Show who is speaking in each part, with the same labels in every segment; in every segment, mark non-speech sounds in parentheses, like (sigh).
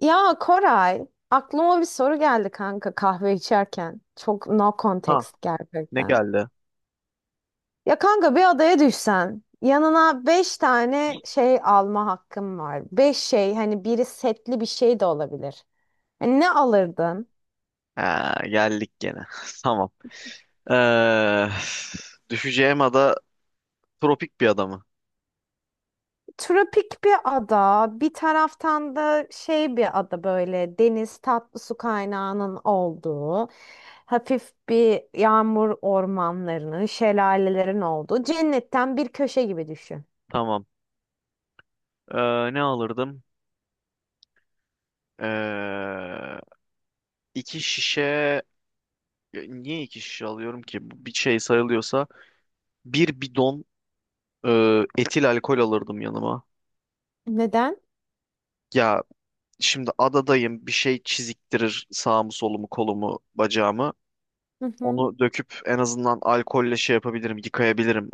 Speaker 1: Ya Koray, aklıma bir soru geldi kanka kahve içerken. Çok no
Speaker 2: Ha,
Speaker 1: context
Speaker 2: ne
Speaker 1: gerçekten.
Speaker 2: geldi?
Speaker 1: Ya kanka bir adaya düşsen, yanına beş tane şey alma hakkın var. Beş şey, hani biri setli bir şey de olabilir. Hani ne alırdın?
Speaker 2: Ha, geldik gene. (laughs) Tamam. Ee, Düşeceğim ada tropik bir ada mı?
Speaker 1: Tropik bir ada, bir taraftan da şey bir ada böyle deniz tatlı su kaynağının olduğu, hafif bir yağmur ormanlarının, şelalelerin olduğu cennetten bir köşe gibi düşün.
Speaker 2: Tamam. Ne alırdım? Ee, iki şişe... Ya niye iki şişe alıyorum ki? Bu bir şey sayılıyorsa. Bir bidon e, etil alkol alırdım yanıma.
Speaker 1: Neden?
Speaker 2: Ya şimdi adadayım. Bir şey çiziktirir sağımı solumu kolumu bacağımı.
Speaker 1: Hı hı.
Speaker 2: Onu döküp en azından alkolle şey yapabilirim, yıkayabilirim.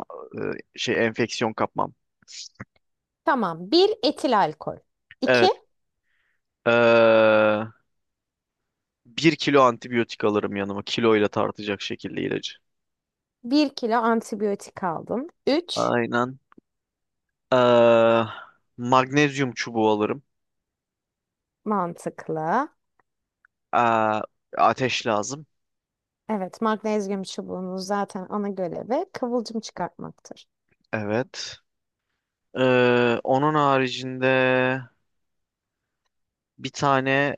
Speaker 2: Ee, Şey enfeksiyon kapmam.
Speaker 1: Tamam. Bir etil alkol.
Speaker 2: Evet.
Speaker 1: İki.
Speaker 2: Ee, Bir kilo antibiyotik alırım yanıma. Kiloyla tartacak şekilde ilacı.
Speaker 1: Bir kilo antibiyotik aldım. Üç.
Speaker 2: Aynen. Ee, Magnezyum çubuğu alırım.
Speaker 1: Mantıklı.
Speaker 2: Ee, Ateş lazım.
Speaker 1: Evet, magnezyum çubuğunun zaten ana görevi kıvılcım çıkartmaktır.
Speaker 2: Evet. Onun haricinde bir tane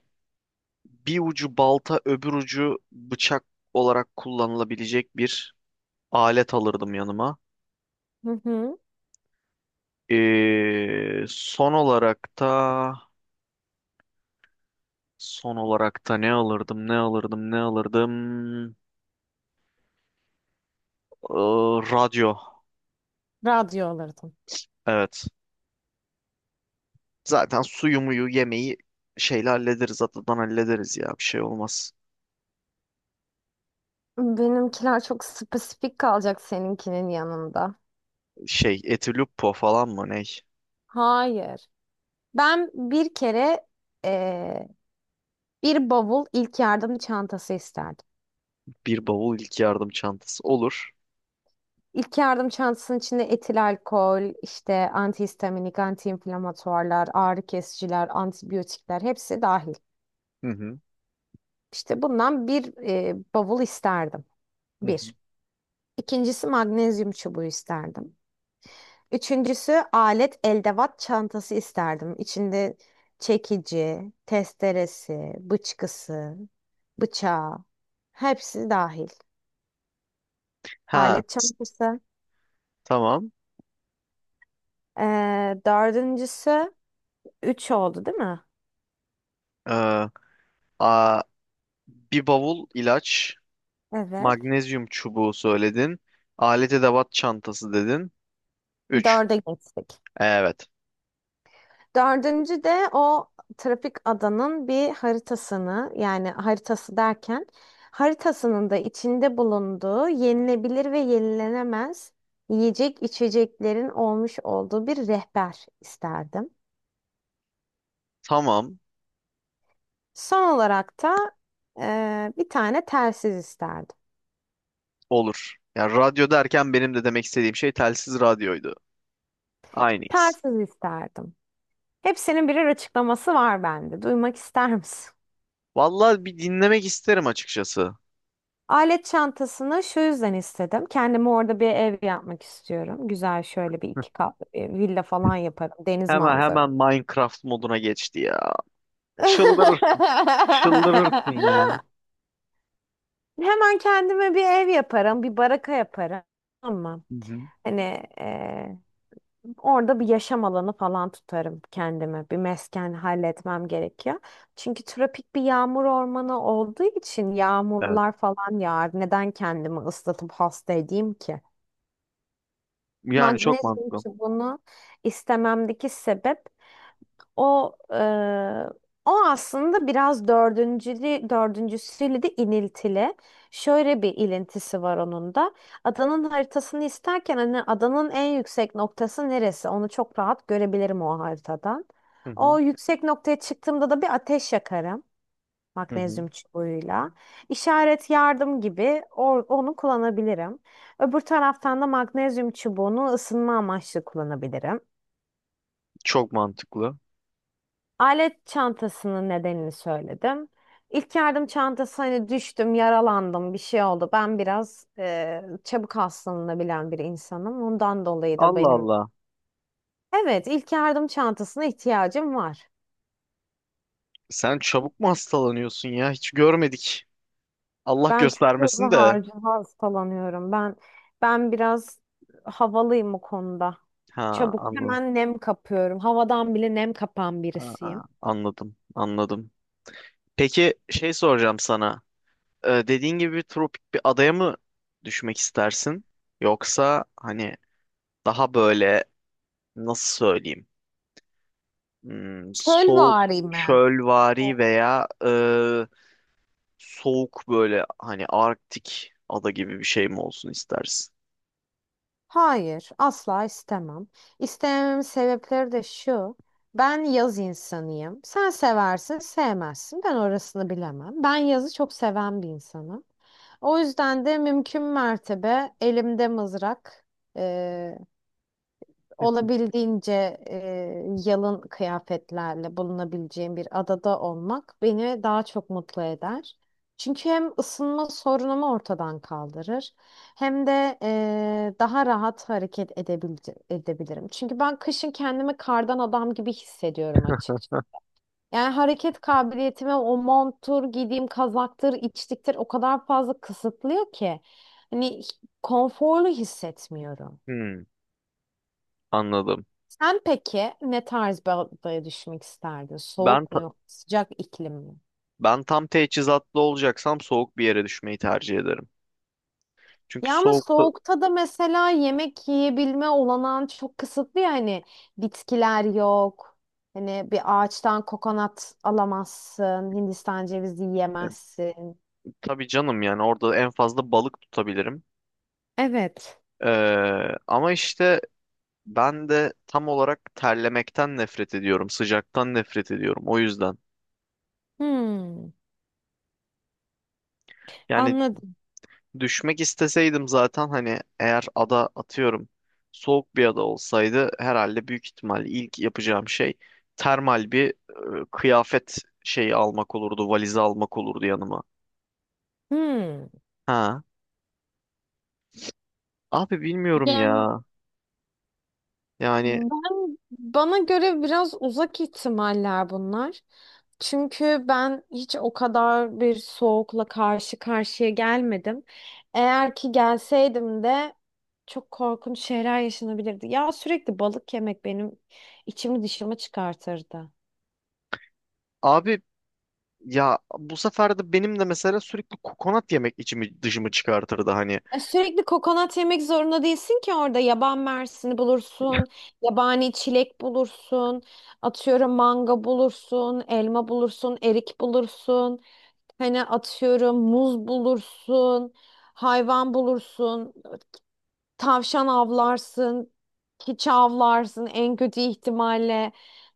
Speaker 2: bir ucu balta öbür ucu bıçak olarak kullanılabilecek bir alet alırdım yanıma.
Speaker 1: Hı hı.
Speaker 2: Son olarak da ne alırdım, Ee, radyo.
Speaker 1: Radyo alırdım.
Speaker 2: Evet. Zaten suyu muyu yemeği şeyle hallederiz. Atadan hallederiz ya. Bir şey olmaz.
Speaker 1: Benimkiler çok spesifik kalacak seninkinin yanında.
Speaker 2: Şey Etiluppo falan mı ne?
Speaker 1: Hayır. Ben bir kere eee, bir bavul ilk yardım çantası isterdim.
Speaker 2: Bir bavul ilk yardım çantası. Olur.
Speaker 1: İlk yardım çantasının içinde etil alkol, işte antihistaminik, antiinflamatuarlar, ağrı kesiciler, antibiyotikler hepsi dahil.
Speaker 2: Hı hı.
Speaker 1: İşte bundan bir bavul isterdim.
Speaker 2: Hı hı.
Speaker 1: Bir. İkincisi magnezyum çubuğu isterdim. Üçüncüsü alet eldevat çantası isterdim. İçinde çekici, testeresi, bıçkısı, bıçağı hepsi dahil.
Speaker 2: Ha
Speaker 1: Alet
Speaker 2: s-
Speaker 1: çantası.
Speaker 2: tamam.
Speaker 1: Dördüncüsü üç oldu değil mi?
Speaker 2: Ee, a, Bir bavul ilaç.
Speaker 1: Evet.
Speaker 2: Magnezyum çubuğu söyledin. Alet edevat çantası dedin. 3.
Speaker 1: Dörde geçtik.
Speaker 2: Evet.
Speaker 1: Dördüncü de o trafik adanın bir haritasını, yani haritası derken haritasının da içinde bulunduğu yenilebilir ve yenilenemez yiyecek içeceklerin olmuş olduğu bir rehber isterdim.
Speaker 2: Tamam.
Speaker 1: Son olarak da bir tane telsiz isterdim.
Speaker 2: Olur. Ya radyo derken benim de demek istediğim şey telsiz radyoydu. Aynıyız.
Speaker 1: Telsiz isterdim. Hepsinin birer açıklaması var bende. Duymak ister misin?
Speaker 2: Vallahi bir dinlemek isterim açıkçası.
Speaker 1: Alet çantasını şu yüzden istedim. Kendime orada bir ev yapmak istiyorum. Güzel şöyle bir iki katlı bir villa falan yaparım. Deniz
Speaker 2: Hemen
Speaker 1: manzaralı.
Speaker 2: hemen Minecraft moduna geçti ya. Çıldırır, çıldırırsın ya.
Speaker 1: (laughs) Hemen kendime bir ev yaparım, bir baraka yaparım. Ama
Speaker 2: Hı hı.
Speaker 1: hani eee, orada bir yaşam alanı falan tutarım kendime. Bir mesken halletmem gerekiyor. Çünkü tropik bir yağmur ormanı olduğu için
Speaker 2: Evet.
Speaker 1: yağmurlar falan yağar. Neden kendimi ıslatıp hasta edeyim ki?
Speaker 2: Yani çok
Speaker 1: Magnezyum
Speaker 2: mantıklı.
Speaker 1: çubuğunu istememdeki sebep o e, o aslında biraz dördüncülü, dördüncüsüyle de iniltili. Şöyle bir ilintisi var onun da. Adanın haritasını isterken hani adanın en yüksek noktası neresi? Onu çok rahat görebilirim o haritadan.
Speaker 2: Hı hı.
Speaker 1: O yüksek noktaya çıktığımda da bir ateş yakarım.
Speaker 2: Hı hı.
Speaker 1: Magnezyum çubuğuyla. İşaret yardım gibi onu kullanabilirim. Öbür taraftan da magnezyum çubuğunu ısınma amaçlı kullanabilirim.
Speaker 2: Çok mantıklı.
Speaker 1: Alet çantasının nedenini söyledim. İlk yardım çantası hani düştüm, yaralandım, bir şey oldu. Ben biraz çabuk hastalanabilen bir insanım. Ondan dolayı da
Speaker 2: Allah
Speaker 1: benim
Speaker 2: Allah.
Speaker 1: evet, ilk yardım çantasına ihtiyacım var.
Speaker 2: Sen çabuk mu hastalanıyorsun ya? Hiç görmedik. Allah
Speaker 1: Ben çok hızlı
Speaker 2: göstermesin de.
Speaker 1: harcı hastalanıyorum. Ben biraz havalıyım o konuda.
Speaker 2: Ha,
Speaker 1: Çabuk
Speaker 2: anladım.
Speaker 1: hemen nem kapıyorum. Havadan bile nem kapan
Speaker 2: Ha, ha,
Speaker 1: birisiyim.
Speaker 2: anladım. Anladım. Peki şey soracağım sana. Dediğin gibi bir tropik bir adaya mı düşmek istersin? Yoksa hani daha böyle nasıl söyleyeyim? Hmm, soğuk
Speaker 1: Çölvari mi?
Speaker 2: çölvari veya soğuk böyle hani Arktik ada gibi bir şey mi olsun istersin?
Speaker 1: Hayır, asla istemem. İstemememin sebepleri de şu. Ben yaz insanıyım. Sen seversin, sevmezsin. Ben orasını bilemem. Ben yazı çok seven bir insanım. O yüzden de mümkün mertebe elimde mızrak, eee,
Speaker 2: (laughs)
Speaker 1: olabildiğince yalın kıyafetlerle bulunabileceğim bir adada olmak beni daha çok mutlu eder. Çünkü hem ısınma sorunumu ortadan kaldırır hem de daha rahat hareket edebil edebilirim. Çünkü ben kışın kendimi kardan adam gibi hissediyorum, yani hareket kabiliyetime o monttur, giydiğim kazaktır, içliktir o kadar fazla kısıtlıyor ki. Hani konforlu hissetmiyorum.
Speaker 2: Hmm, anladım.
Speaker 1: Sen peki ne tarz bir adaya düşmek isterdin?
Speaker 2: Ben
Speaker 1: Soğuk mu
Speaker 2: ta-
Speaker 1: yok, sıcak iklim mi?
Speaker 2: ben tam teçhizatlı olacaksam soğuk bir yere düşmeyi tercih ederim. Çünkü
Speaker 1: Ya ama
Speaker 2: soğukta
Speaker 1: soğukta da mesela yemek yiyebilme olanağın çok kısıtlı ya, hani bitkiler yok. Hani bir ağaçtan kokonat alamazsın, Hindistan cevizi
Speaker 2: e,
Speaker 1: yiyemezsin.
Speaker 2: tabii canım, yani orada en fazla balık tutabilirim.
Speaker 1: Evet.
Speaker 2: Ee, ama işte ben de tam olarak terlemekten nefret ediyorum, sıcaktan nefret ediyorum. O yüzden.
Speaker 1: Hmm,
Speaker 2: Yani
Speaker 1: anladım.
Speaker 2: düşmek isteseydim zaten hani eğer ada atıyorum soğuk bir ada olsaydı herhalde büyük ihtimal ilk yapacağım şey termal bir kıyafet şeyi almak olurdu, valizi almak olurdu yanıma.
Speaker 1: Hmm.
Speaker 2: Ha. Abi bilmiyorum
Speaker 1: Yani
Speaker 2: ya. Yani
Speaker 1: ben bana göre biraz uzak ihtimaller bunlar. Çünkü ben hiç o kadar bir soğukla karşı karşıya gelmedim. Eğer ki gelseydim de çok korkunç şeyler yaşanabilirdi. Ya sürekli balık yemek benim içimi dışımı çıkartırdı.
Speaker 2: abi ya, bu sefer de benim de mesela sürekli kokonat yemek içimi dışımı çıkartırdı hani.
Speaker 1: E, sürekli kokonat yemek zorunda değilsin ki, orada yaban mersini bulursun, yabani çilek bulursun, atıyorum manga bulursun, elma bulursun, erik bulursun. Hani atıyorum muz bulursun, hayvan bulursun, tavşan avlarsın, hiç avlarsın en kötü ihtimalle.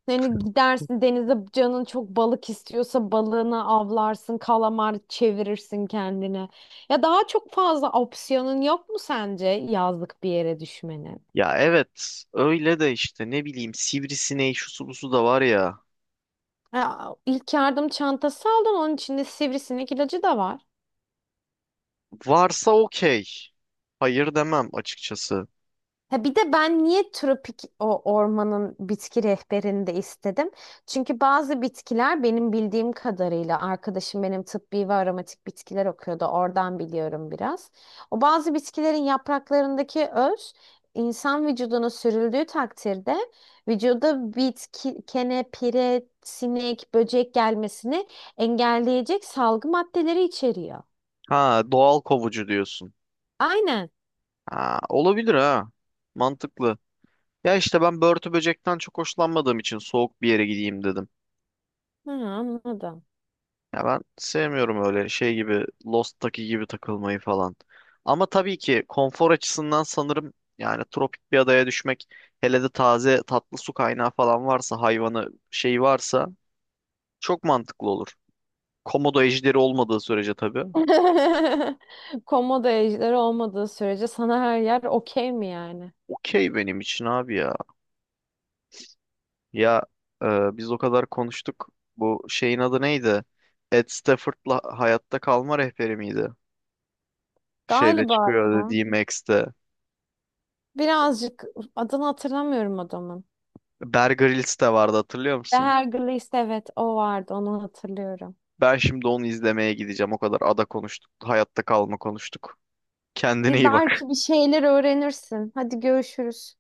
Speaker 1: Hani gidersin denize, canın çok balık istiyorsa balığını avlarsın, kalamar çevirirsin kendine. Ya daha çok fazla opsiyonun yok mu sence yazlık bir yere düşmenin?
Speaker 2: Ya evet öyle de işte ne bileyim sivrisineği şusu busu da var ya.
Speaker 1: Ya, ilk yardım çantası aldın, onun içinde sivrisinek ilacı da var.
Speaker 2: Varsa okey. Hayır demem açıkçası.
Speaker 1: Ha bir de ben niye tropik o ormanın bitki rehberini de istedim? Çünkü bazı bitkiler, benim bildiğim kadarıyla arkadaşım benim tıbbi ve aromatik bitkiler okuyordu. Oradan biliyorum biraz. O bazı bitkilerin yapraklarındaki öz insan vücuduna sürüldüğü takdirde vücuda bitki, kene, pire, sinek, böcek gelmesini engelleyecek salgı maddeleri içeriyor.
Speaker 2: Ha, doğal kovucu diyorsun.
Speaker 1: Aynen.
Speaker 2: Ha, olabilir ha. Mantıklı. Ya işte ben börtü böcekten çok hoşlanmadığım için soğuk bir yere gideyim dedim.
Speaker 1: Ha, anladım.
Speaker 2: Ya ben sevmiyorum öyle şey gibi Lost'taki gibi takılmayı falan. Ama tabii ki konfor açısından sanırım yani tropik bir adaya düşmek, hele de taze tatlı su kaynağı falan varsa, hayvanı şey varsa çok mantıklı olur. Komodo ejderi olmadığı sürece tabii.
Speaker 1: (laughs) Komodo ejderi olmadığı sürece sana her yer okey mi yani?
Speaker 2: Okey benim için abi ya. Ya biz o kadar konuştuk. Bu şeyin adı neydi? Ed Stafford'la Hayatta Kalma Rehberi miydi? Şeyde
Speaker 1: Galiba
Speaker 2: çıkıyor
Speaker 1: ya.
Speaker 2: dediğim Max'te.
Speaker 1: Birazcık adını hatırlamıyorum adamın.
Speaker 2: Bear Grylls de vardı, hatırlıyor musun?
Speaker 1: Hergleist, evet o vardı, onu hatırlıyorum.
Speaker 2: Ben şimdi onu izlemeye gideceğim. O kadar ada konuştuk. Hayatta kalma konuştuk. Kendine
Speaker 1: Bir
Speaker 2: iyi bak.
Speaker 1: belki bir şeyler öğrenirsin. Hadi görüşürüz.